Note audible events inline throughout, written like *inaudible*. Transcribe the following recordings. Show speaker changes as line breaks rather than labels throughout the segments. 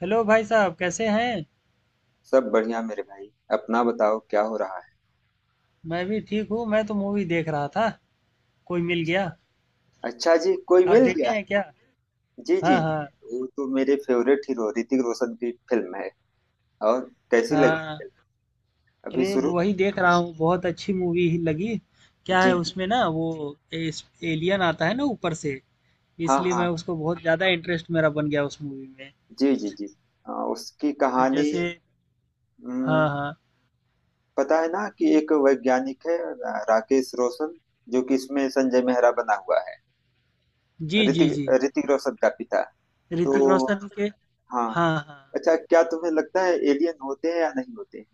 Hello भाई साहब, कैसे हैं।
सब बढ़िया मेरे भाई। अपना बताओ क्या हो रहा है?
मैं भी ठीक हूँ, मैं तो मूवी देख रहा था। कोई मिल गया।
अच्छा जी, कोई
आप
मिल
देखे
गया?
अच्छा हैं क्या।
जी जी
हाँ
जी।
हाँ।
वो तो मेरे फेवरेट हीरो ऋतिक रोशन की फिल्म है। और कैसी लगी
हाँ,
फिल्म? अभी
अरे
शुरू।
वही देख रहा हूँ, बहुत अच्छी मूवी ही लगी। क्या
जी
है
जी।
उसमें ना वो एलियन आता है ना ऊपर से।
हाँ
इसलिए
हाँ।
मैं उसको बहुत ज़्यादा इंटरेस्ट मेरा बन गया उस मूवी में।
जी जी जी। उसकी कहानी।
जैसे
हम्म,
हाँ हाँ।
पता है ना कि एक वैज्ञानिक है राकेश रोशन। जो कि इसमें संजय मेहरा बना हुआ है।
जी जी जी।
ऋतिक ऋतिक रोशन का पिता।
ऋतिक
तो,
रोशन के।
हाँ।
हाँ हाँ,
अच्छा, क्या तुम्हें लगता है एलियन होते हैं या नहीं होते हैं?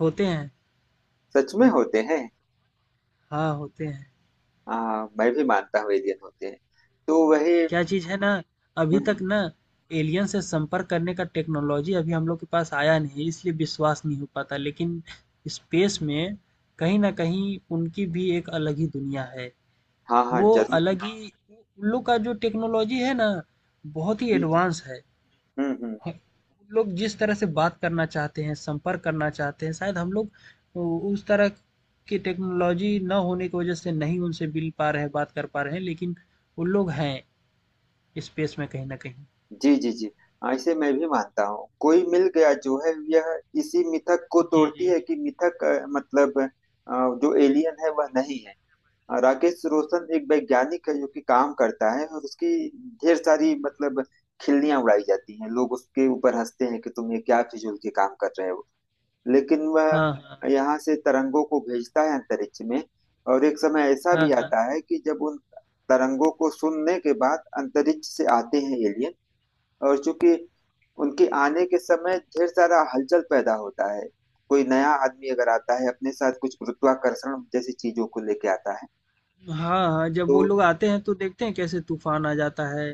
होते हैं।
सच में होते हैं?
हाँ होते हैं।
हाँ, मैं भी मानता हूँ एलियन होते हैं। तो वही।
क्या चीज़ है ना, अभी तक
हम्म,
ना एलियन से संपर्क करने का टेक्नोलॉजी अभी हम लोग के पास आया नहीं है, इसलिए विश्वास नहीं हो पाता। लेकिन स्पेस में कहीं न कहीं उनकी भी एक अलग ही दुनिया है।
हाँ हाँ,
वो
जरूर।
अलग ही उन लोग का जो टेक्नोलॉजी है ना, बहुत ही
जी जी।
एडवांस है।
हम्म।
ह लोग जिस तरह से बात करना चाहते हैं, संपर्क करना चाहते हैं, शायद हम लोग उ उस तरह की टेक्नोलॉजी ना होने की वजह से नहीं उनसे मिल पा रहे हैं, बात कर पा रहे हैं, लेकिन वो लोग हैं स्पेस में कहीं न कहीं।
जी जी जी। ऐसे मैं भी मानता हूँ, कोई मिल गया जो है यह इसी मिथक को
जी,
तोड़ती
जी।
है कि मिथक, मतलब, जो एलियन है वह नहीं है। राकेश रोशन एक वैज्ञानिक है जो कि काम करता है, और उसकी ढेर सारी मतलब खिल्लियां उड़ाई जाती हैं, लोग उसके ऊपर हंसते हैं कि तुम ये क्या फिजूल के काम कर रहे हो। लेकिन वह
हाँ, हाँ।
यहाँ से तरंगों को भेजता है अंतरिक्ष में। और एक समय ऐसा भी
हाँ, हाँ।
आता है कि जब उन तरंगों को सुनने के बाद अंतरिक्ष से आते हैं एलियन। और चूंकि उनके आने के समय ढेर सारा हलचल पैदा होता है, कोई नया आदमी अगर आता है अपने साथ कुछ गुरुत्वाकर्षण जैसी चीजों को लेके आता है।
हाँ, हाँ, जब
तो।
वो लोग आते हैं तो देखते हैं कैसे तूफ़ान आ जाता है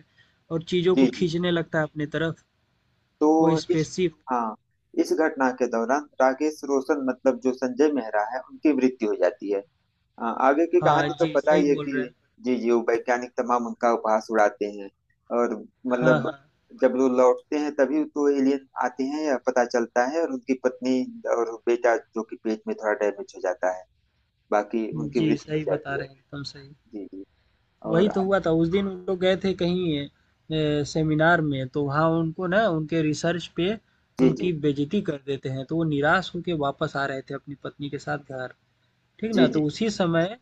और चीज़ों
जी
को
जी।
खींचने लगता है अपनी तरफ,
तो
वो
इस,
स्पेसशिप।
हाँ, इस घटना के दौरान राकेश रोशन मतलब जो संजय मेहरा है उनकी मृत्यु हो जाती है। आगे की
हाँ
कहानी तो
जी,
पता
सही
ही है
बोल रहे
कि।
हैं।
जी जी, वो वैज्ञानिक तमाम उनका उपहास उड़ाते हैं, और
हाँ,
मतलब
हाँ।
जब वो लौटते हैं तभी तो एलियन आते हैं या पता चलता है, और उनकी पत्नी और बेटा जो कि पेट में थोड़ा डैमेज हो जाता है, बाकी उनकी
जी,
मृत्यु हो
सही बता
जाती है।
रहे हैं, एकदम सही।
जी जी।
वही
और
तो
आ-
हुआ था, उस दिन हम लोग गए थे कहीं सेमिनार में, तो वहाँ उनको ना उनके रिसर्च पे
जी जी
उनकी बेइज़्ज़ती कर देते हैं, तो वो निराश होके वापस आ रहे थे अपनी पत्नी के साथ घर। ठीक
जी।
ना?
जी
तो
जी।
उसी समय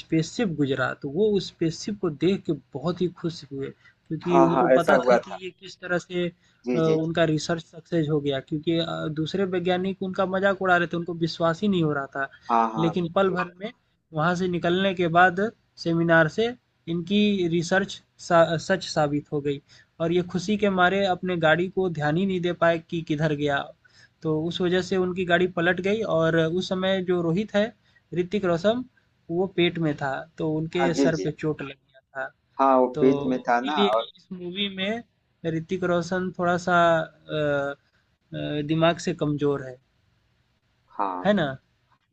स्पेसशिप गुजरा, तो वो उस स्पेसशिप को देख के बहुत ही खुश हुए क्योंकि
हाँ हाँ
उनको
ऐसा
पता था
हुआ था।
कि ये किस तरह से
जी जी जी।
उनका रिसर्च सक्सेस हो गया। क्योंकि दूसरे वैज्ञानिक उनका मजाक उड़ा रहे थे, उनको विश्वास ही नहीं हो रहा था।
हाँ हाँ,
लेकिन पल
मृत्यु
भर
हुआ।
में वहां से निकलने के बाद, सेमिनार से, इनकी रिसर्च सच साबित हो गई और ये खुशी के मारे अपने गाड़ी को ध्यान ही नहीं दे पाए कि किधर गया। तो उस वजह से उनकी गाड़ी पलट गई और उस समय जो रोहित है, ऋतिक रोशन, वो पेट में था, तो
हाँ
उनके
जी
सर
जी।
पे चोट लग गया था।
हाँ, वो पेट में
तो
था ना,
इसीलिए
और
इस मूवी में ऋतिक रोशन थोड़ा सा दिमाग से कमजोर है
हाँ
है ना।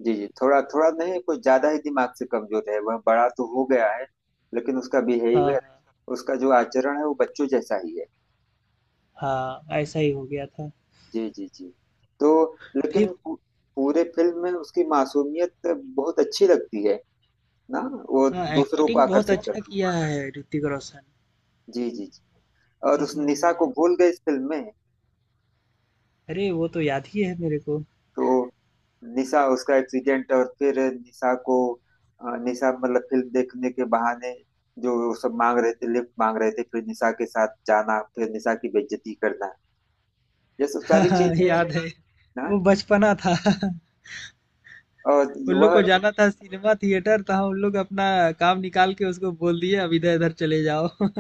जी जी। थोड़ा थोड़ा नहीं, कुछ ज्यादा ही दिमाग से कमजोर है, वह बड़ा तो हो गया है लेकिन उसका
हाँ
बिहेवियर, उसका जो आचरण है वो बच्चों जैसा ही है।
हाँ, ऐसा ही हो गया था।
जी जी जी। तो
फिर
लेकिन पूरे फिल्म में उसकी मासूमियत बहुत अच्छी लगती है ना, वो
हाँ,
दूसरों को
एक्टिंग बहुत
आकर्षित
अच्छा
करती है।
किया है ऋतिक रोशन
जी जी जी। और
इस
उस
मूवी
निशा
में।
को भूल गए इस फिल्म में।
अरे वो तो याद ही है मेरे को।
तो निशा, उसका एक्सीडेंट, और फिर निशा को, निशा मतलब फिल्म देखने के बहाने जो वो सब मांग रहे थे, लिफ्ट मांग रहे थे, फिर निशा के साथ जाना, फिर निशा की बेइज्जती करना, ये सब
*laughs*
सारी हाँ
हाँ,
चीजें
याद
हैं
है।
ना।
वो बचपना था। *laughs*
और
उन लोग को
वह,
जाना था सिनेमा थिएटर, तो हम उन लोग अपना काम निकाल के उसको बोल दिए अब इधर इधर चले जाओ। *laughs*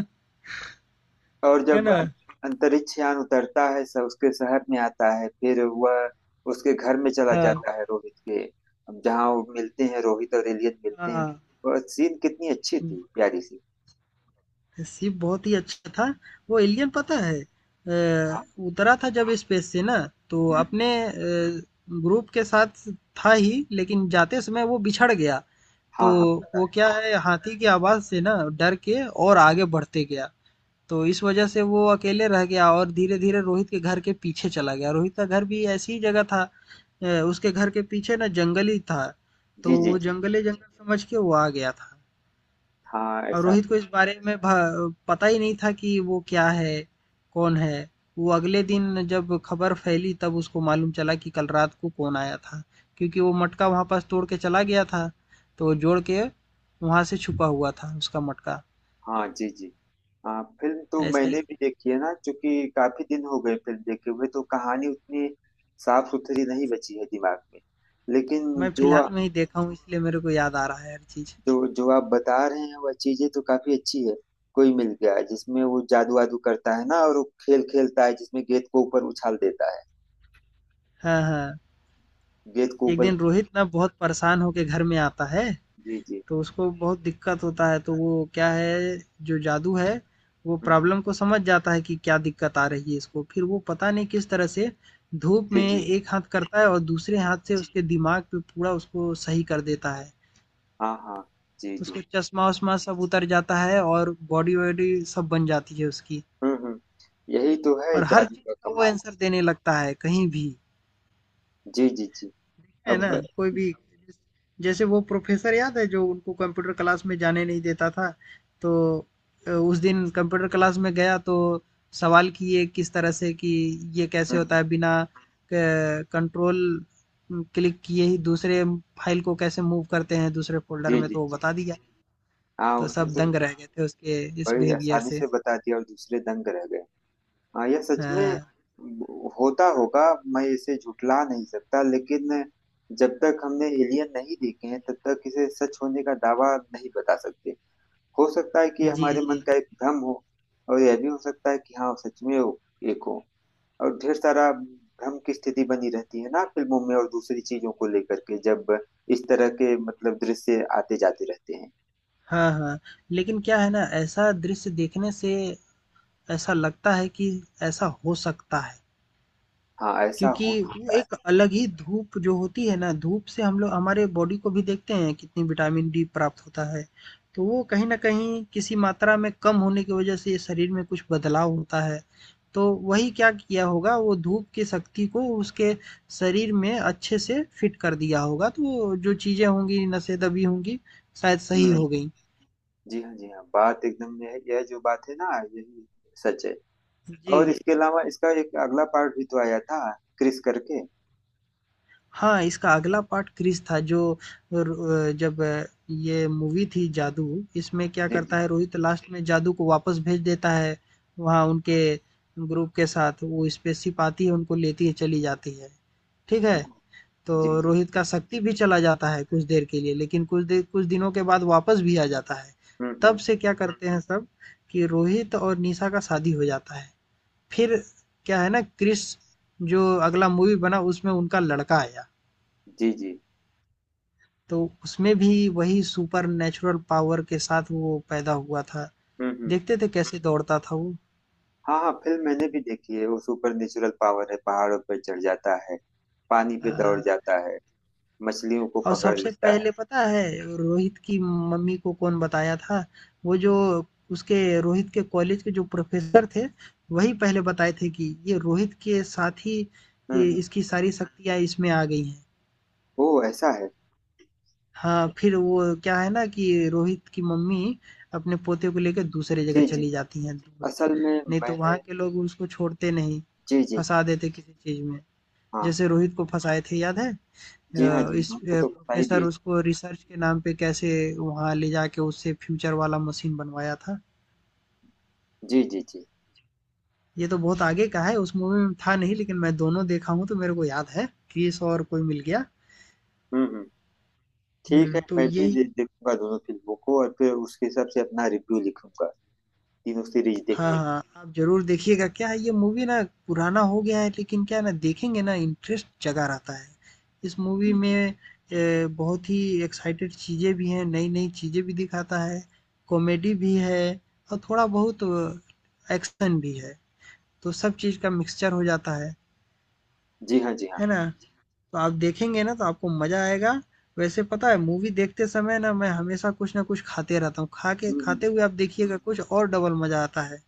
और
है
जब
ना।
अंतरिक्ष यान उतरता है, सब उसके शहर में आता है, फिर वह उसके घर में चला
हाँ
जाता है, रोहित के, जहाँ वो मिलते हैं, रोहित और एलियन मिलते हैं।
हाँ,
और सीन कितनी अच्छी थी, प्यारी सी।
शिप बहुत ही अच्छा था। वो एलियन पता है
हाँ।
उतरा था जब स्पेस से ना, तो
हम्म।
अपने ग्रुप के साथ था ही, लेकिन जाते समय वो बिछड़ गया। तो
हाँ हाँ, पता
वो
है।
क्या है, हाथी की आवाज़ से ना डर के और आगे बढ़ते गया। तो इस वजह से वो अकेले रह गया और धीरे धीरे रोहित के घर के पीछे चला गया। रोहित का घर भी ऐसी ही जगह था, उसके घर के पीछे ना जंगल ही था, तो
जी जी
वो
जी।
जंगले जंगल समझ के वो आ गया था।
हाँ
और
ऐसा।
रोहित को इस बारे में भ पता ही नहीं था कि वो क्या है? कौन है? वो अगले दिन जब खबर फैली तब उसको मालूम चला कि कल रात को कौन आया था। क्योंकि वो मटका वहाँ पास तोड़ के चला गया था, तो वो जोड़ के वहाँ से छुपा हुआ था उसका मटका,
हाँ जी जी। हाँ, फिल्म तो
ऐसा
मैंने
ही।
भी देखी है ना, क्योंकि काफी दिन हो गए फिल्म देखे हुए, तो कहानी उतनी साफ सुथरी नहीं बची है दिमाग में। लेकिन
मैं फिलहाल में ही देखा हूँ, इसलिए मेरे को याद आ रहा है हर चीज़।
जो जो आप बता रहे हैं, वह चीजें तो काफी अच्छी है। कोई मिल गया है, जिसमें वो जादू वादू करता है ना, और वो खेल खेलता है जिसमें गेंद को ऊपर उछाल देता है,
हाँ, हाँ।
गेंद को
एक
ऊपर।
दिन रोहित ना बहुत परेशान होके घर में आता है,
जी जी।
तो उसको बहुत दिक्कत होता है, तो वो क्या है, जो जादू है वो
हम्म।
प्रॉब्लम को समझ जाता है कि क्या दिक्कत आ रही है इसको। फिर वो पता नहीं किस तरह से धूप
जी
में
जी।
एक हाथ करता है और दूसरे हाथ से उसके दिमाग पे पूरा उसको सही कर देता है।
हाँ हाँ। जी
उसको
जी।
चश्मा वश्मा सब उतर जाता है और बॉडी वॉडी सब बन जाती है उसकी।
हम्म। यही तो है
और हर
जादू
चीज़
का
का वो
कमाल।
आंसर देने लगता है कहीं भी,
जी जी जी।
है
अब,
ना, कोई भी। जैसे वो प्रोफेसर याद है जो उनको कंप्यूटर क्लास में जाने नहीं देता था, तो उस दिन कंप्यूटर क्लास में गया तो सवाल किए किस तरह से कि ये कैसे होता
हम्म,
है बिना कंट्रोल क्लिक किए ही दूसरे फाइल को कैसे मूव करते हैं दूसरे फोल्डर
जी
में,
जी
तो वो
जी।
बता दिया।
हाँ,
तो
उसने
सब दंग
तो
रह गए थे उसके इस
बड़ी
बिहेवियर
आसानी
से।
से बता दिया, और दूसरे दंग रह गए। हाँ, यह सच में
हाँ
होता होगा। मैं इसे झुठला नहीं सकता, लेकिन जब तक हमने एलियन नहीं देखे हैं तब तक इसे सच होने का दावा नहीं बता सकते। हो सकता है कि
जी
हमारे मन
जी।
का एक भ्रम हो, और यह भी हो सकता है कि हाँ, सच में वो एक हो। और ढेर सारा भ्रम की स्थिति बनी रहती है ना फिल्मों में और दूसरी चीजों को लेकर के, जब इस तरह के मतलब दृश्य आते जाते रहते हैं।
हाँ हाँ, लेकिन क्या है ना, ऐसा दृश्य देखने से ऐसा लगता है कि ऐसा हो सकता है।
हाँ, ऐसा
क्योंकि
हो
वो
सकता है।
एक अलग ही धूप जो होती है ना, धूप से हम लोग हमारे बॉडी को भी देखते हैं कितनी विटामिन डी प्राप्त होता है। तो वो कहीं न कहीं किसी मात्रा में कम होने की वजह से शरीर में कुछ बदलाव होता है। तो वही क्या किया होगा, वो धूप की शक्ति को उसके शरीर में अच्छे से फिट कर दिया होगा, तो जो चीज़ें होंगी, नसें दबी होंगी, शायद सही
हम्म।
हो गई।
जी हाँ जी हाँ, बात एकदम यह जो बात है ना, यही सच है।
जी।
और इसके अलावा इसका एक अगला पार्ट भी तो आया था, क्रिस करके।
हाँ, इसका अगला पार्ट क्रिश था। जो र जब ये मूवी थी जादू, इसमें क्या
जी जी
करता है रोहित लास्ट में जादू को वापस भेज देता है, वहाँ उनके ग्रुप के साथ वो स्पेसशिप आती है, उनको लेती है, चली जाती है, ठीक है?
जी।
तो
जी
रोहित का शक्ति भी चला जाता है कुछ देर के लिए, लेकिन कुछ देर, कुछ दिनों के बाद वापस भी आ जाता है। तब
हम्म।
से क्या करते हैं सब कि रोहित और निशा का शादी हो जाता है। फिर क्या है ना, क्रिश जो अगला मूवी बना उसमें उनका लड़का आया।
जी जी।
तो उसमें भी वही सुपरनैचुरल पावर के साथ वो पैदा हुआ था।
हम्म।
देखते थे कैसे दौड़ता था वो।
हाँ हाँ, फिल्म मैंने भी देखी है, वो सुपर नेचुरल पावर है, पहाड़ों पर चढ़ जाता है, पानी पे दौड़
अ,
जाता है, मछलियों को
और
पकड़
सबसे
लेता है।
पहले पता है रोहित की मम्मी को कौन बताया था? वो जो उसके रोहित के कॉलेज के जो प्रोफेसर थे, वही पहले बताए थे कि ये रोहित के साथ ही ये
हम्म।
इसकी सारी शक्तियाँ इसमें आ गई हैं।
ओ ऐसा है।
हाँ, फिर वो क्या है ना कि रोहित की मम्मी अपने पोते को लेकर दूसरी जगह
जी जी।
चली जाती हैं दूर।
असल में
नहीं तो वहाँ
मैंने,
के लोग उसको छोड़ते नहीं,
जी जी जी।
फँसा देते किसी चीज़ में।
हाँ
जैसे रोहित को फँसाए थे याद है?
जी हाँ जी हाँ,
इस
हमको तो बता ही
प्रोफ़ेसर
दिए।
उसको रिसर्च के नाम पे कैसे वहाँ ले जाके उससे फ्यूचर वाला मशीन बनवाया था।
जी जी जी।
ये तो बहुत आगे का है, उस मूवी में था नहीं, लेकिन मैं दोनों देखा हूँ तो मेरे को याद है, क्रिस और कोई मिल गया।
हम्म। ठीक है,
तो
मैं भी
यही
देखूंगा दोनों फिल्मों को, और फिर उसके हिसाब से अपना रिव्यू लिखूंगा, तीनों सीरीज
हाँ,
देखने को।
हाँ, आप ज़रूर देखिएगा। क्या है ये मूवी ना पुराना हो गया है, लेकिन क्या है ना, देखेंगे ना इंटरेस्ट जगा रहता है। इस मूवी
जी जी
में बहुत ही एक्साइटेड चीज़ें भी हैं, नई-नई चीज़ें भी दिखाता है, कॉमेडी भी है और थोड़ा बहुत एक्शन भी है। तो सब चीज़ का मिक्सचर हो जाता
जी। हाँ जी हाँ।
है ना? तो आप देखेंगे ना तो आपको मज़ा आएगा। वैसे पता है मूवी देखते समय ना मैं हमेशा कुछ ना कुछ खाते रहता हूँ। खा के,
हम्म, हम्म,
खाते हुए आप देखिएगा, कुछ और डबल मज़ा आता है।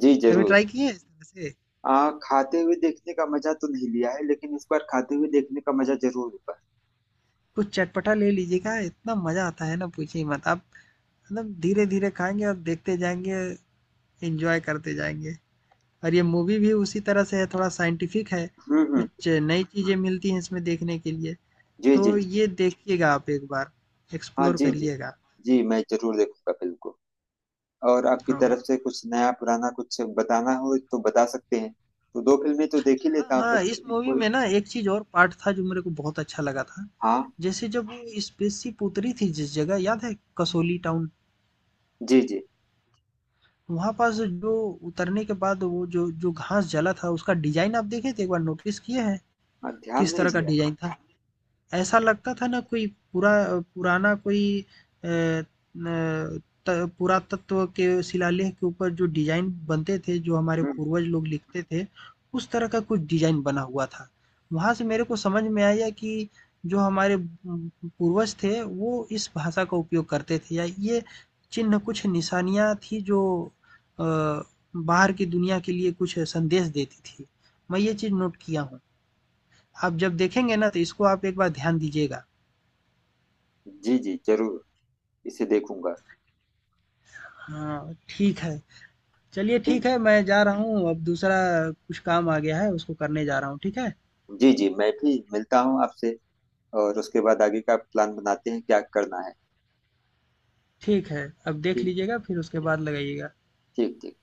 जी
कभी
जरूर।
ट्राई किए हैं इस तरह से?
खाते हुए देखने का मजा तो नहीं लिया है, लेकिन इस बार खाते हुए देखने का मजा जरूर होगा।
कुछ चटपटा ले लीजिएगा, इतना मज़ा आता है ना, पूछिए मत। आप मतलब धीरे-धीरे खाएँगे और देखते जाएँगे, एन्जॉय करते जाएँगे। और ये मूवी भी उसी तरह से है, थोड़ा साइंटिफ़िक है,
हम्म।
कुछ नई चीज़ें मिलती हैं इसमें देखने के लिए।
जी जी
तो
जी।
ये देखिएगा आप एक बार,
हाँ
एक्सप्लोर
जी, जी
करिएगा।
जी मैं जरूर देखूंगा फिल्म को, और आपकी
और
तरफ से कुछ नया पुराना कुछ बताना हो तो बता सकते हैं। तो दो फिल्में तो देख ही
हाँ,
लेता हूँ, पर
हाँ, इस मूवी
कोई,
में ना एक चीज़ और पार्ट था जो मेरे को बहुत अच्छा लगा था।
हाँ
जैसे जब वो स्पेसशिप उतरी थी जिस जगह, याद है, कसौली टाउन,
जी जी।
वहाँ पास जो उतरने के बाद वो जो जो घास जला था उसका डिज़ाइन आप देखे थे? एक बार नोटिस किए हैं?
हाँ, ध्यान
किस
नहीं
तरह का
दिया।
डिज़ाइन था? ऐसा लगता था ना, कोई पूरा पुराना कोई पुरातत्व के शिलालेख के ऊपर जो डिजाइन बनते थे जो हमारे
हम्म
पूर्वज लोग लिखते थे, उस तरह का कुछ डिजाइन बना हुआ था। वहां से
हम्म,
मेरे को समझ में आया कि जो हमारे पूर्वज थे वो इस भाषा का उपयोग करते थे, या ये चिन्ह कुछ निशानियां थी जो अ, बाहर की दुनिया के लिए कुछ संदेश देती थी। मैं ये चीज नोट किया हूँ, आप जब देखेंगे ना तो इसको आप एक बार ध्यान दीजिएगा।
जी जी जरूर, इसे देखूंगा।
हाँ, ठीक है। चलिए ठीक है,
ठीक,
मैं जा रहा हूँ, अब दूसरा कुछ काम आ गया है, उसको करने जा रहा हूँ, ठीक है?
जी जी, मैं भी मिलता हूँ आपसे और उसके बाद आगे का प्लान बनाते हैं क्या करना है।
ठीक है, अब देख
ठीक
लीजिएगा, फिर उसके बाद लगाइएगा।
ठीक ठीक।